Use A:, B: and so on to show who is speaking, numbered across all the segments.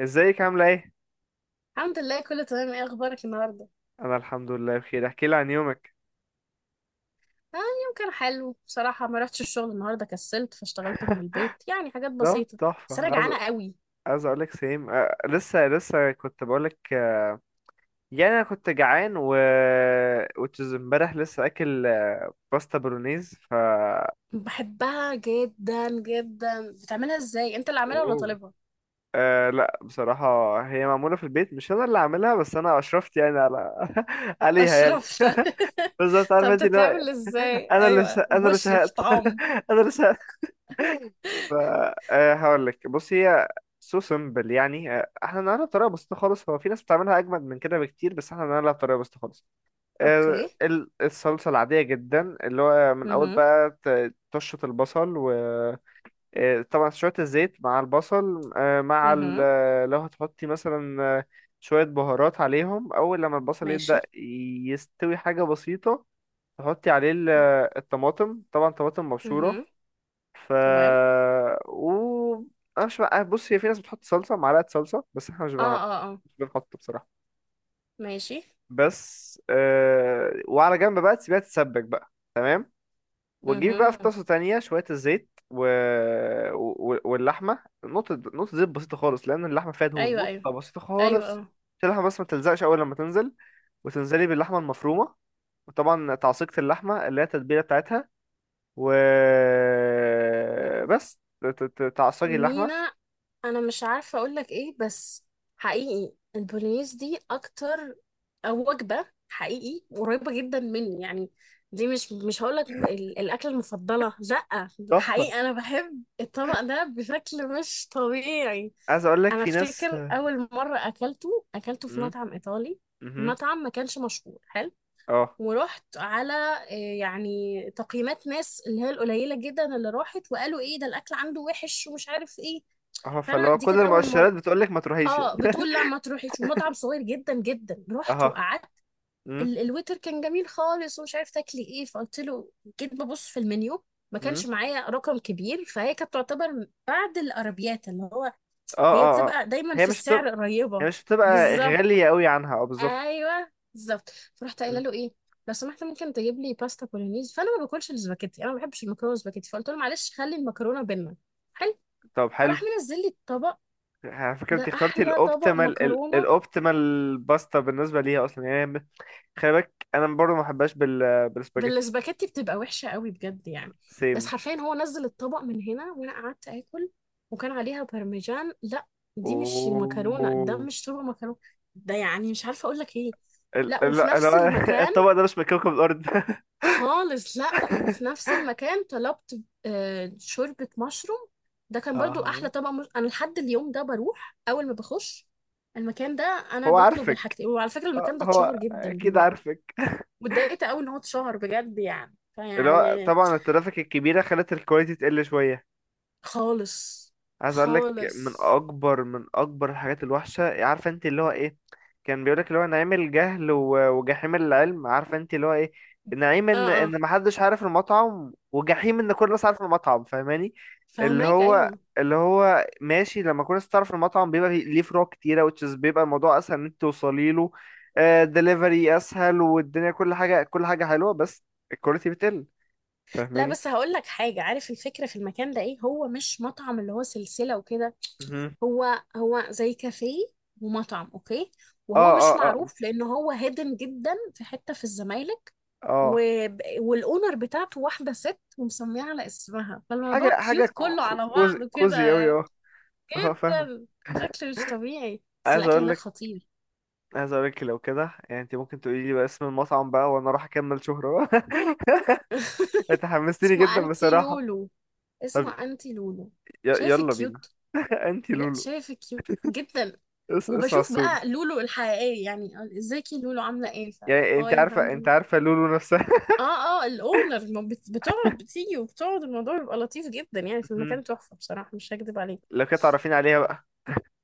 A: ازيك عاملة ايه؟
B: الحمد لله، كله تمام. ايه اخبارك النهارده؟
A: انا الحمد لله بخير، احكي لي عن يومك.
B: اه، اليوم كان حلو بصراحه. ما رحتش الشغل النهارده، كسلت فاشتغلت من البيت، يعني حاجات
A: ده
B: بسيطه.
A: تحفة.
B: بس انا
A: عايز
B: جعانه قوي.
A: عايز اقولك سيم، لسه كنت بقولك يعني انا كنت جعان و which is امبارح لسه اكل، باستا برونيز. ف
B: بحبها جدا جدا. بتعملها ازاي؟ انت اللي عاملها ولا
A: اوه.
B: طالبها؟
A: لا، بصراحة هي معمولة في البيت، مش أنا اللي عاملها، بس أنا أشرفت يعني على عليها يعني
B: اشرفت.
A: بالظبط،
B: طب
A: عارفة أنت اللي هو
B: بتتعمل ازاي؟ ايوه،
A: أنا اللي
B: بشرف
A: شهقت
B: طعم.
A: أنا اللي شهقت. ف هقول لك، بص هي سو سمبل يعني. احنا نعملها بطريقه بسيطه خالص. هو في ناس بتعملها اجمد من كده بكتير بس احنا نعملها بطريقه بسيطه خالص.
B: اوكي.
A: الصلصه العاديه جدا اللي هو من اول
B: اها.
A: بقى تشط البصل، وطبعا شويه الزيت مع البصل، آه، مع ال-
B: اها.
A: آه، لو هتحطي مثلا شويه بهارات عليهم اول لما البصل يبدا
B: ماشي.
A: يستوي، حاجه بسيطه. تحطي عليه الطماطم، طبعا طماطم مبشوره.
B: اها.
A: ف
B: تمام.
A: و انا مش بقى، بص هي في ناس بتحط صلصه معلقه صلصه، بس احنا مش
B: اه
A: بنحط،
B: اه اه.
A: بصراحه.
B: ماشي.
A: وعلى جنب بقى تسيبها تتسبك بقى، تمام. وتجيبي بقى في
B: اها.
A: طاسه تانية شويه الزيت واللحمه، نقطه نقطه زيت بسيطه خالص لان اللحمه فيها دهون،
B: ايوه ايوه.
A: نقطه بسيطه
B: ايوه
A: خالص
B: اه.
A: عشان اللحمه بس ما تلزقش اول لما تنزل. وتنزلي باللحمه المفرومه، وطبعا تعصيقة اللحمه اللي هي التتبيله بتاعتها. و بس تعصجي اللحمه.
B: مينا، انا مش عارفه اقول لك ايه، بس حقيقي البولينيز دي اكتر. أو وجبه حقيقي قريبه جدا مني يعني. دي مش هقول لك الاكله المفضله، لا.
A: تحفة.
B: حقيقي انا بحب الطبق ده بشكل مش طبيعي.
A: عايز اقول لك
B: انا
A: في ناس.
B: افتكر اول مره اكلته في
A: امم
B: مطعم ايطالي.
A: امم
B: المطعم ما كانش مشهور، حلو.
A: اه
B: ورحت على يعني تقييمات ناس اللي هي القليله جدا اللي راحت وقالوا ايه ده، الاكل عنده وحش ومش عارف ايه.
A: اه. فاللي
B: فانا
A: هو
B: دي
A: كل
B: كانت اول
A: المؤشرات
B: مره.
A: بتقول لك ما تروحيش يعني
B: اه، بتقول لا ما تروحيش. ومطعم صغير جدا جدا. رحت
A: اه.
B: وقعدت.
A: امم
B: الويتر كان جميل خالص ومش عارف تاكلي ايه، فقلت له. جيت ببص في المنيو. ما كانش
A: امم
B: معايا رقم كبير، فهي كانت تعتبر بعد الارابيات اللي هو
A: اه
B: هي
A: اه اه.
B: بتبقى دايما
A: هي
B: في
A: مش
B: السعر
A: بتبقى،
B: قريبه. بالظبط.
A: غالية قوي عنها، اه بالظبط.
B: ايوه بالظبط. فرحت قايله
A: مم.
B: له ايه، لو سمحت ممكن تجيب لي باستا بولونيز؟ فانا ما باكلش السباكيتي، انا ما بحبش المكرونه والسباكيتي. فقلت له معلش، خلي المكرونه بينا. حلو.
A: طب حلو.
B: فراح منزل لي الطبق.
A: على فكرة انت
B: ده
A: اخترتي
B: احلى طبق
A: الاوبتيمال،
B: مكرونه.
A: الاوبتيمال باستا بالنسبة ليها اصلا يعني خلي بالك انا برضه ما بحبهاش بال بالسباجيتي.
B: بالسباكيتي بتبقى وحشة قوي بجد يعني. بس
A: سيم.
B: حرفيا هو نزل الطبق من هنا وانا قعدت اكل. وكان عليها بارميجان، لا. دي مش مكرونة، ده
A: اوه.
B: مش شوربة مكرونة. ده يعني مش عارفة اقول لك ايه.
A: ال-
B: لا،
A: ال-
B: وفي نفس
A: ال-
B: المكان
A: الطبق ده مش من كوكب الارض
B: خالص. لا، وفي نفس المكان طلبت شوربة مشروم. ده كان برضو
A: اه.
B: احلى طبق مش... انا لحد اليوم ده بروح اول ما بخش المكان ده. انا
A: هو
B: بطلب
A: عارفك،
B: الحاجتين. وعلى فكرة المكان ده اتشهر
A: هو
B: جدا
A: اكيد
B: دلوقتي.
A: عارفك
B: واتضايقت قوي ان هو اتشهر بجد يعني
A: اللي هو
B: فيعني.
A: طبعا الترافيك الكبيرة خلت الكواليتي تقل شوية.
B: خالص.
A: عايز اقول لك،
B: خالص.
A: من اكبر الحاجات الوحشه، عارفه انت اللي هو ايه؟ كان بيقول لك اللي هو نعيم الجهل وجحيم العلم، عارفه انت اللي هو ايه؟ نعيم
B: اه
A: ان
B: اه.
A: ما حدش عارف المطعم وجحيم ان كل الناس عارف المطعم، فاهماني؟ اللي
B: فهماك،
A: هو
B: ايوه.
A: اللي هو ماشي. لما كل الناس تعرف المطعم بيبقى ليه فروع كتيره which is بيبقى الموضوع اسهل ان انت توصلي له. دليفري اسهل، والدنيا كل حاجه كل حاجه حلوه، بس الكواليتي بتقل.
B: لا
A: فاهماني؟
B: بس هقول لك حاجه. عارف الفكره في المكان ده ايه؟ هو مش مطعم اللي هو سلسله وكده.
A: مهم.
B: هو هو زي كافيه ومطعم، اوكي.
A: اه
B: وهو
A: اه
B: مش
A: اه
B: معروف لان هو هيدن جدا في حته في الزمالك. و...
A: اه.
B: والاونر بتاعته واحده ست ومسميه على اسمها،
A: حاجة
B: فالموضوع
A: حاجة
B: كيوت كله على
A: كوزي
B: بعضه
A: كوزي أوي،
B: كده.
A: اه اه، فاهمك.
B: جدا. شكله مش طبيعي بس
A: عايز
B: الاكل
A: أقول
B: هناك
A: لك
B: خطير.
A: عايز أقول لك لو كده يعني، أنت ممكن تقولي لي بقى اسم المطعم بقى وأنا أروح أكمل شهرة بقى. أنت حمستني
B: اسمه
A: جدا
B: انتي
A: بصراحة.
B: لولو.
A: طب
B: اسمه انتي لولو. شايف
A: يلا بينا.
B: كيوت؟
A: أنت
B: بجد
A: لولو.
B: شايف كيوت جدا.
A: اسمع
B: وبشوف
A: السول.
B: بقى لولو الحقيقية يعني. ازيكي لولو؟ عاملة ايه؟ ف،
A: يعني أنت
B: هاي
A: عارفة،
B: الحمد لله.
A: لولو نفسها.
B: اه اه. الاونر ما بت- بتقعد. بتيجي وبتقعد. الموضوع بيبقى لطيف جدا يعني في
A: مهم.
B: المكان. تحفة بصراحة، مش هكدب عليك.
A: لو كده تعرفين عليها بقى.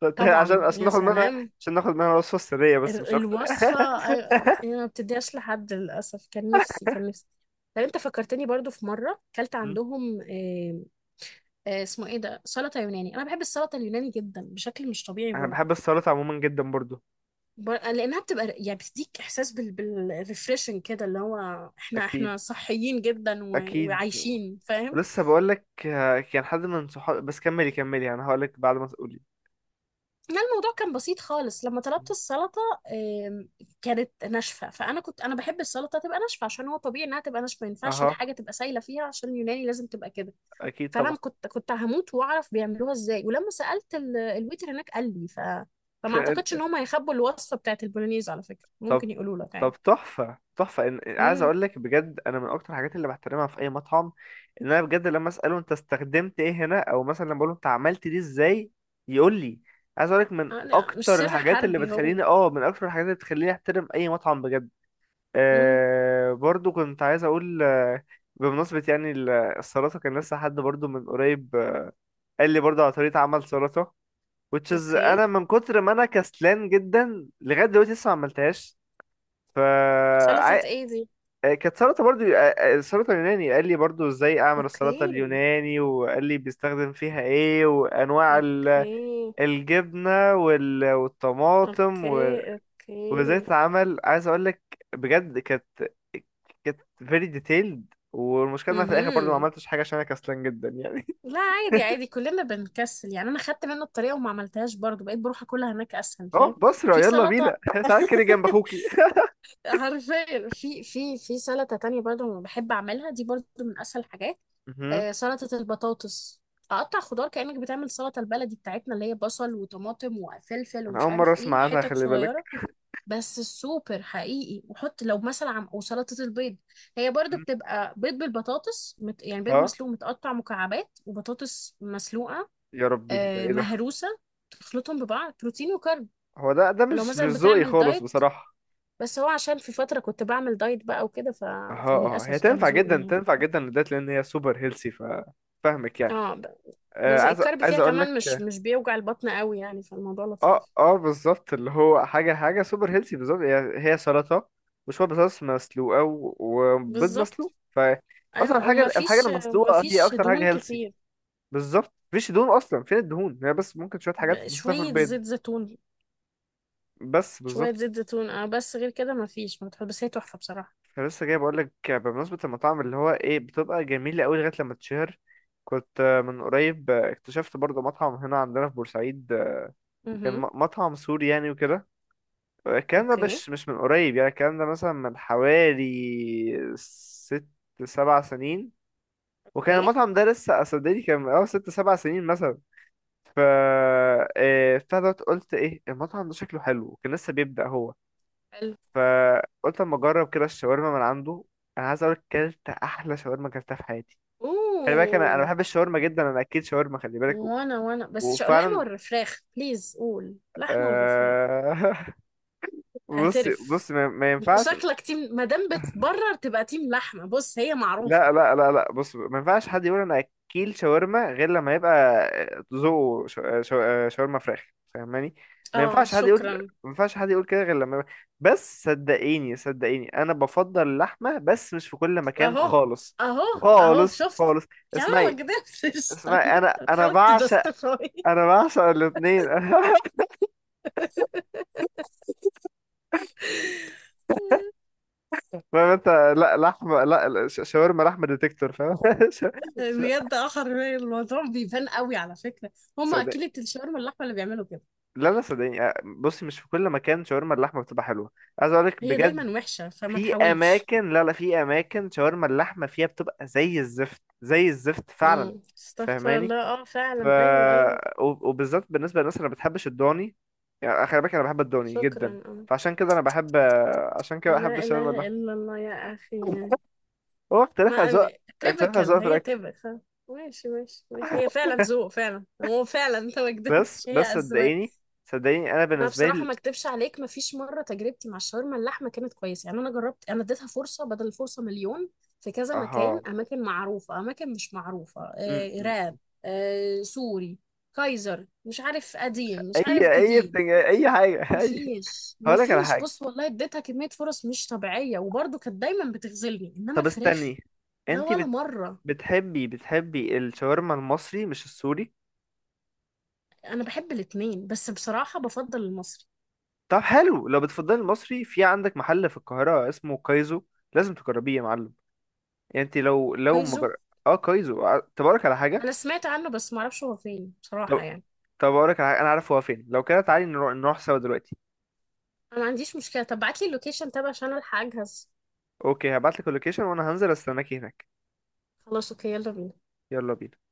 A: طب عشان،
B: طبعا يا
A: ناخد منها،
B: سلام.
A: عشان ناخد منها الوصفة السرية بس مش أكتر
B: الوصفة. أيوة. انا ما بتديهاش لحد، للأسف. كان نفسي، كان نفسي. طب انت فكرتني برضو في مرة كلت
A: مم.
B: عندهم. اسمه ايه ده؟ سلطة يوناني. انا بحب السلطة اليوناني جدا بشكل مش طبيعي
A: أنا
B: برضو.
A: بحب السلطة عموما جدا برضو.
B: لانها بتبقى يعني بتديك احساس بالريفريشنج كده اللي هو احنا
A: أكيد،
B: احنا صحيين جدا
A: أكيد.
B: وعايشين، فاهم.
A: لسه بقول لك، كان حد من صحابي، بس كملي كملي يعني، هقول لك بعد ما تقولي.
B: لا، الموضوع كان بسيط خالص لما طلبت السلطه. آم، كانت ناشفه. فانا كنت، انا بحب السلطه تبقى ناشفه، عشان هو طبيعي انها تبقى ناشفه. ما ينفعش
A: اها،
B: الحاجه تبقى سايله فيها، عشان اليوناني لازم تبقى كده.
A: اكيد
B: فانا
A: طبعا.
B: كنت هموت واعرف بيعملوها ازاي. ولما سالت الويتر هناك قال لي فما اعتقدش ان هم هيخبوا الوصفه بتاعت البولونيز. على فكره
A: طب
B: ممكن يقولوا لك عادي.
A: تحفه تحفه، إن... عايز
B: امم.
A: اقول لك بجد، انا من اكتر الحاجات اللي بحترمها في اي مطعم ان انا بجد لما اساله انت استخدمت ايه هنا، او مثلا لما بقول له انت عملت دي ازاي يقول لي. عايز اقول لك،
B: لا، مش سر حربي هو.
A: من اكتر الحاجات اللي بتخليني احترم اي مطعم بجد.
B: امم.
A: آه، برضو كنت عايز اقول بمناسبة يعني السلطة، كان لسه حد برضو من قريب قال لي برضه على طريقة عمل سلطة which is
B: اوكي.
A: أنا من كتر ما أنا كسلان جدا لغاية دلوقتي لسه ما عملتهاش. ف
B: سلطة
A: عاي-
B: ايه دي؟
A: كانت سلطة برضه. السلطة اليوناني قال لي برضه إزاي أعمل السلطة
B: اوكي.
A: اليوناني وقال لي بيستخدم فيها إيه، وأنواع
B: اوكي.
A: الجبنة والطماطم
B: اوكي.
A: وإزاي
B: اوكي.
A: تتعمل. عايز أقول لك بجد، كانت، very detailed. والمشكلة إن أنا في الآخر برضه ما
B: امم.
A: عملتش حاجة عشان أنا كسلان جدا يعني.
B: لا عادي عادي، كلنا بنكسل يعني. انا خدت منه الطريقة وما عملتهاش برضو. بقيت بروح اكلها هناك اسهل،
A: أه
B: فاهم.
A: بصرة،
B: في
A: يلا بينا
B: سلطة.
A: تعال كده جنب أخوكي.
B: حرفيا في سلطة تانية برضو بحب اعملها. دي برضو من اسهل الحاجات. آه، سلطة البطاطس. اقطع خضار كأنك بتعمل سلطة البلدي بتاعتنا اللي هي بصل وطماطم وفلفل
A: انا
B: ومش
A: اول مره
B: عارف ايه،
A: اسمع عنها،
B: حتت
A: خلي بالك.
B: صغيرة. بس السوبر حقيقي. وحط لو مثلا عم وسلطة البيض. هي برضو بتبقى بيض بالبطاطس. يعني بيض
A: ها،
B: مسلوق متقطع مكعبات وبطاطس مسلوقة.
A: يا ربي ده
B: آه
A: ايه ده؟
B: مهروسة. تخلطهم ببعض، بروتين وكارب.
A: هو ده
B: ولو
A: مش
B: مثلا
A: ذوقي
B: بتعمل
A: خالص
B: دايت.
A: بصراحه.
B: بس هو عشان في فترة كنت بعمل دايت بقى وكده
A: اه اه، هي
B: فللأسف كان
A: تنفع
B: ذوقي
A: جدا،
B: يعني.
A: تنفع جدا للدايت لان هي سوبر هيلسي. ف فاهمك يعني.
B: اه
A: آه
B: بس الكارب
A: عايز
B: فيها
A: اقول
B: كمان مش
A: لك.
B: مش بيوجع البطن قوي يعني، فالموضوع
A: اه
B: لطيف.
A: اه بالظبط، اللي هو حاجه حاجه سوبر هيلسي بالظبط، هي سلطه وشويه بطاطس مسلوقه وبيض
B: بالظبط.
A: مسلوق. ف اصلا
B: ايوه.
A: الحاجه
B: ومفيش
A: المسلوقه، هي اكتر حاجه
B: دهون
A: هيلسي
B: كتير.
A: بالظبط، مفيش دهون اصلا، فين الدهون؟ هي بس ممكن شويه حاجات بسيطه في
B: شوية
A: البيض،
B: زيت زيتون.
A: بس
B: شوية
A: بالظبط.
B: زيت زيتون، اه. بس غير كده مفيش، ما بتحط. بس هي تحفة بصراحة.
A: أنا لسه جاي بقولك بمناسبة المطاعم اللي هو ايه، بتبقى جميلة أوي لغاية لما تتشهر. كنت من قريب اكتشفت برضه مطعم هنا عندنا في بورسعيد، كان
B: امم.
A: مطعم سوري يعني وكده. الكلام ده
B: اوكي.
A: مش من قريب يعني، الكلام ده مثلا من حوالي ست سبع سنين. وكان
B: اوكي.
A: المطعم ده لسه أصدقني كان من أول ست سبع سنين مثلا. ف بتاع دوت، قلت ايه المطعم ده شكله حلو، وكان لسه بيبدأ هو.
B: حلو.
A: فقلت اما اجرب كده الشاورما من عنده. انا عايز اقول لك، كلت احلى شاورما كلتها في حياتي. خلي بالك
B: اوه.
A: انا بحب الشاورما جدا، انا اكيد شاورما خلي بالك
B: وانا بس لحمة
A: وفعلا.
B: ولا فراخ؟ بليز قول لحمة ولا فراخ.
A: آه بص
B: اعترف.
A: بص، ما
B: انت
A: ينفعش.
B: شكلك تيم. ما دام بتبرر تبقى تيم لحمة. بص هي معروفة.
A: لا لا لا لا، بص ما ينفعش حد يقول انا اكيل شاورما غير لما يبقى ذوقه شاورما فراخ، فاهماني؟ ما
B: اه
A: ينفعش حد يقول،
B: شكرا.
A: ما ينفعش حد يقول كده غير لما يبقى-. بس صدقيني صدقيني انا بفضل اللحمه، بس مش في كل مكان
B: اهو.
A: خالص،
B: اهو. اهو
A: خالص
B: شفت.
A: خالص.
B: يا عم أنا
A: اسمعي
B: ما قدرتش.
A: اسمعي، انا
B: بتحاول
A: بعشق،
B: تجستيفاي.
A: انا بعشق الاثنين فاهم انت؟ لا لحمه، لا لا، شاورما لحمه ديتكتور فاهم ش-
B: بجد اه، حرفيا الموضوع بيبان قوي على فكره. هم
A: ش-
B: اكيلة الشاورما اللحمه اللي بيعملوا كده.
A: لا لا صدقني، بصي مش في كل مكان شاورما اللحمه بتبقى حلوه، عايز اقول لك
B: هي
A: بجد.
B: دايما وحشه، فما
A: في
B: تحاولش.
A: اماكن، لا لا، في اماكن شاورما اللحمه فيها بتبقى زي الزفت، زي الزفت فعلا،
B: امم. استغفر
A: فاهماني؟
B: الله. اه
A: ف
B: فعلا. ايوه ايوه.
A: وبالذات بالنسبه للناس اللي ما بتحبش الضاني، يعني خلي بالك انا بحب الضاني جدا،
B: شكرا اه.
A: فعشان كده انا بحب، عشان كده بحب
B: لا
A: الشاورما
B: اله
A: اللحمه.
B: الا الله يا اخي.
A: هو اختلاف اذواق،
B: ما
A: اختلاف اذواق
B: تيبكال
A: في
B: هي
A: الاكل.
B: تيبكال. ماشي ماشي ماشي. هي فعلا ذوق فعلا. هو فعلا انت ما كدبتش. هي
A: بس
B: اذواق.
A: صدقيني، صدقيني انا
B: انا
A: بالنسبه
B: بصراحه
A: لي.
B: ما اكدبش عليك. ما فيش مره تجربتي مع الشاورما اللحمه كانت كويسه يعني. انا جربت، انا اديتها فرصه بدل الفرصه مليون، في كذا
A: اها
B: مكان، اماكن معروفه، اماكن مش معروفه. آه،
A: م.
B: راب. آه، سوري. كايزر. مش عارف قديم مش عارف
A: اي
B: جديد.
A: بتنج... اي حاجه
B: ما
A: اي.
B: فيش ما
A: هقول لك على
B: فيش
A: حاجه.
B: بص والله اديتها كميه فرص مش طبيعيه، وبرضه كانت دايما بتخذلني. انما
A: طب
B: الفراخ،
A: استني،
B: لا
A: انت
B: ولا
A: بت...
B: مره.
A: بتحبي الشاورما المصري مش السوري؟
B: انا بحب الاتنين بس بصراحه بفضل المصري.
A: طب حلو، لو بتفضلي المصري، في عندك محل في القاهرة اسمه كايزو، لازم تجربيه يا معلم. يعني انت لو
B: كايزو.
A: مجر... اه كايزو، اه، طب اقولك على حاجة.
B: انا سمعت عنه بس ما اعرفش هو فين بصراحه
A: طب
B: يعني.
A: اقولك على حاجة، انا عارف هو فين، لو كده تعالي نروح سوا دلوقتي.
B: انا ما عنديش مشكله. طب ابعت لي اللوكيشن تبع عشان الحق اجهز.
A: اوكي هبعتلك اللوكيشن وانا هنزل استناكي هناك.
B: خلاص اوكي، يلا بينا.
A: يلا بينا.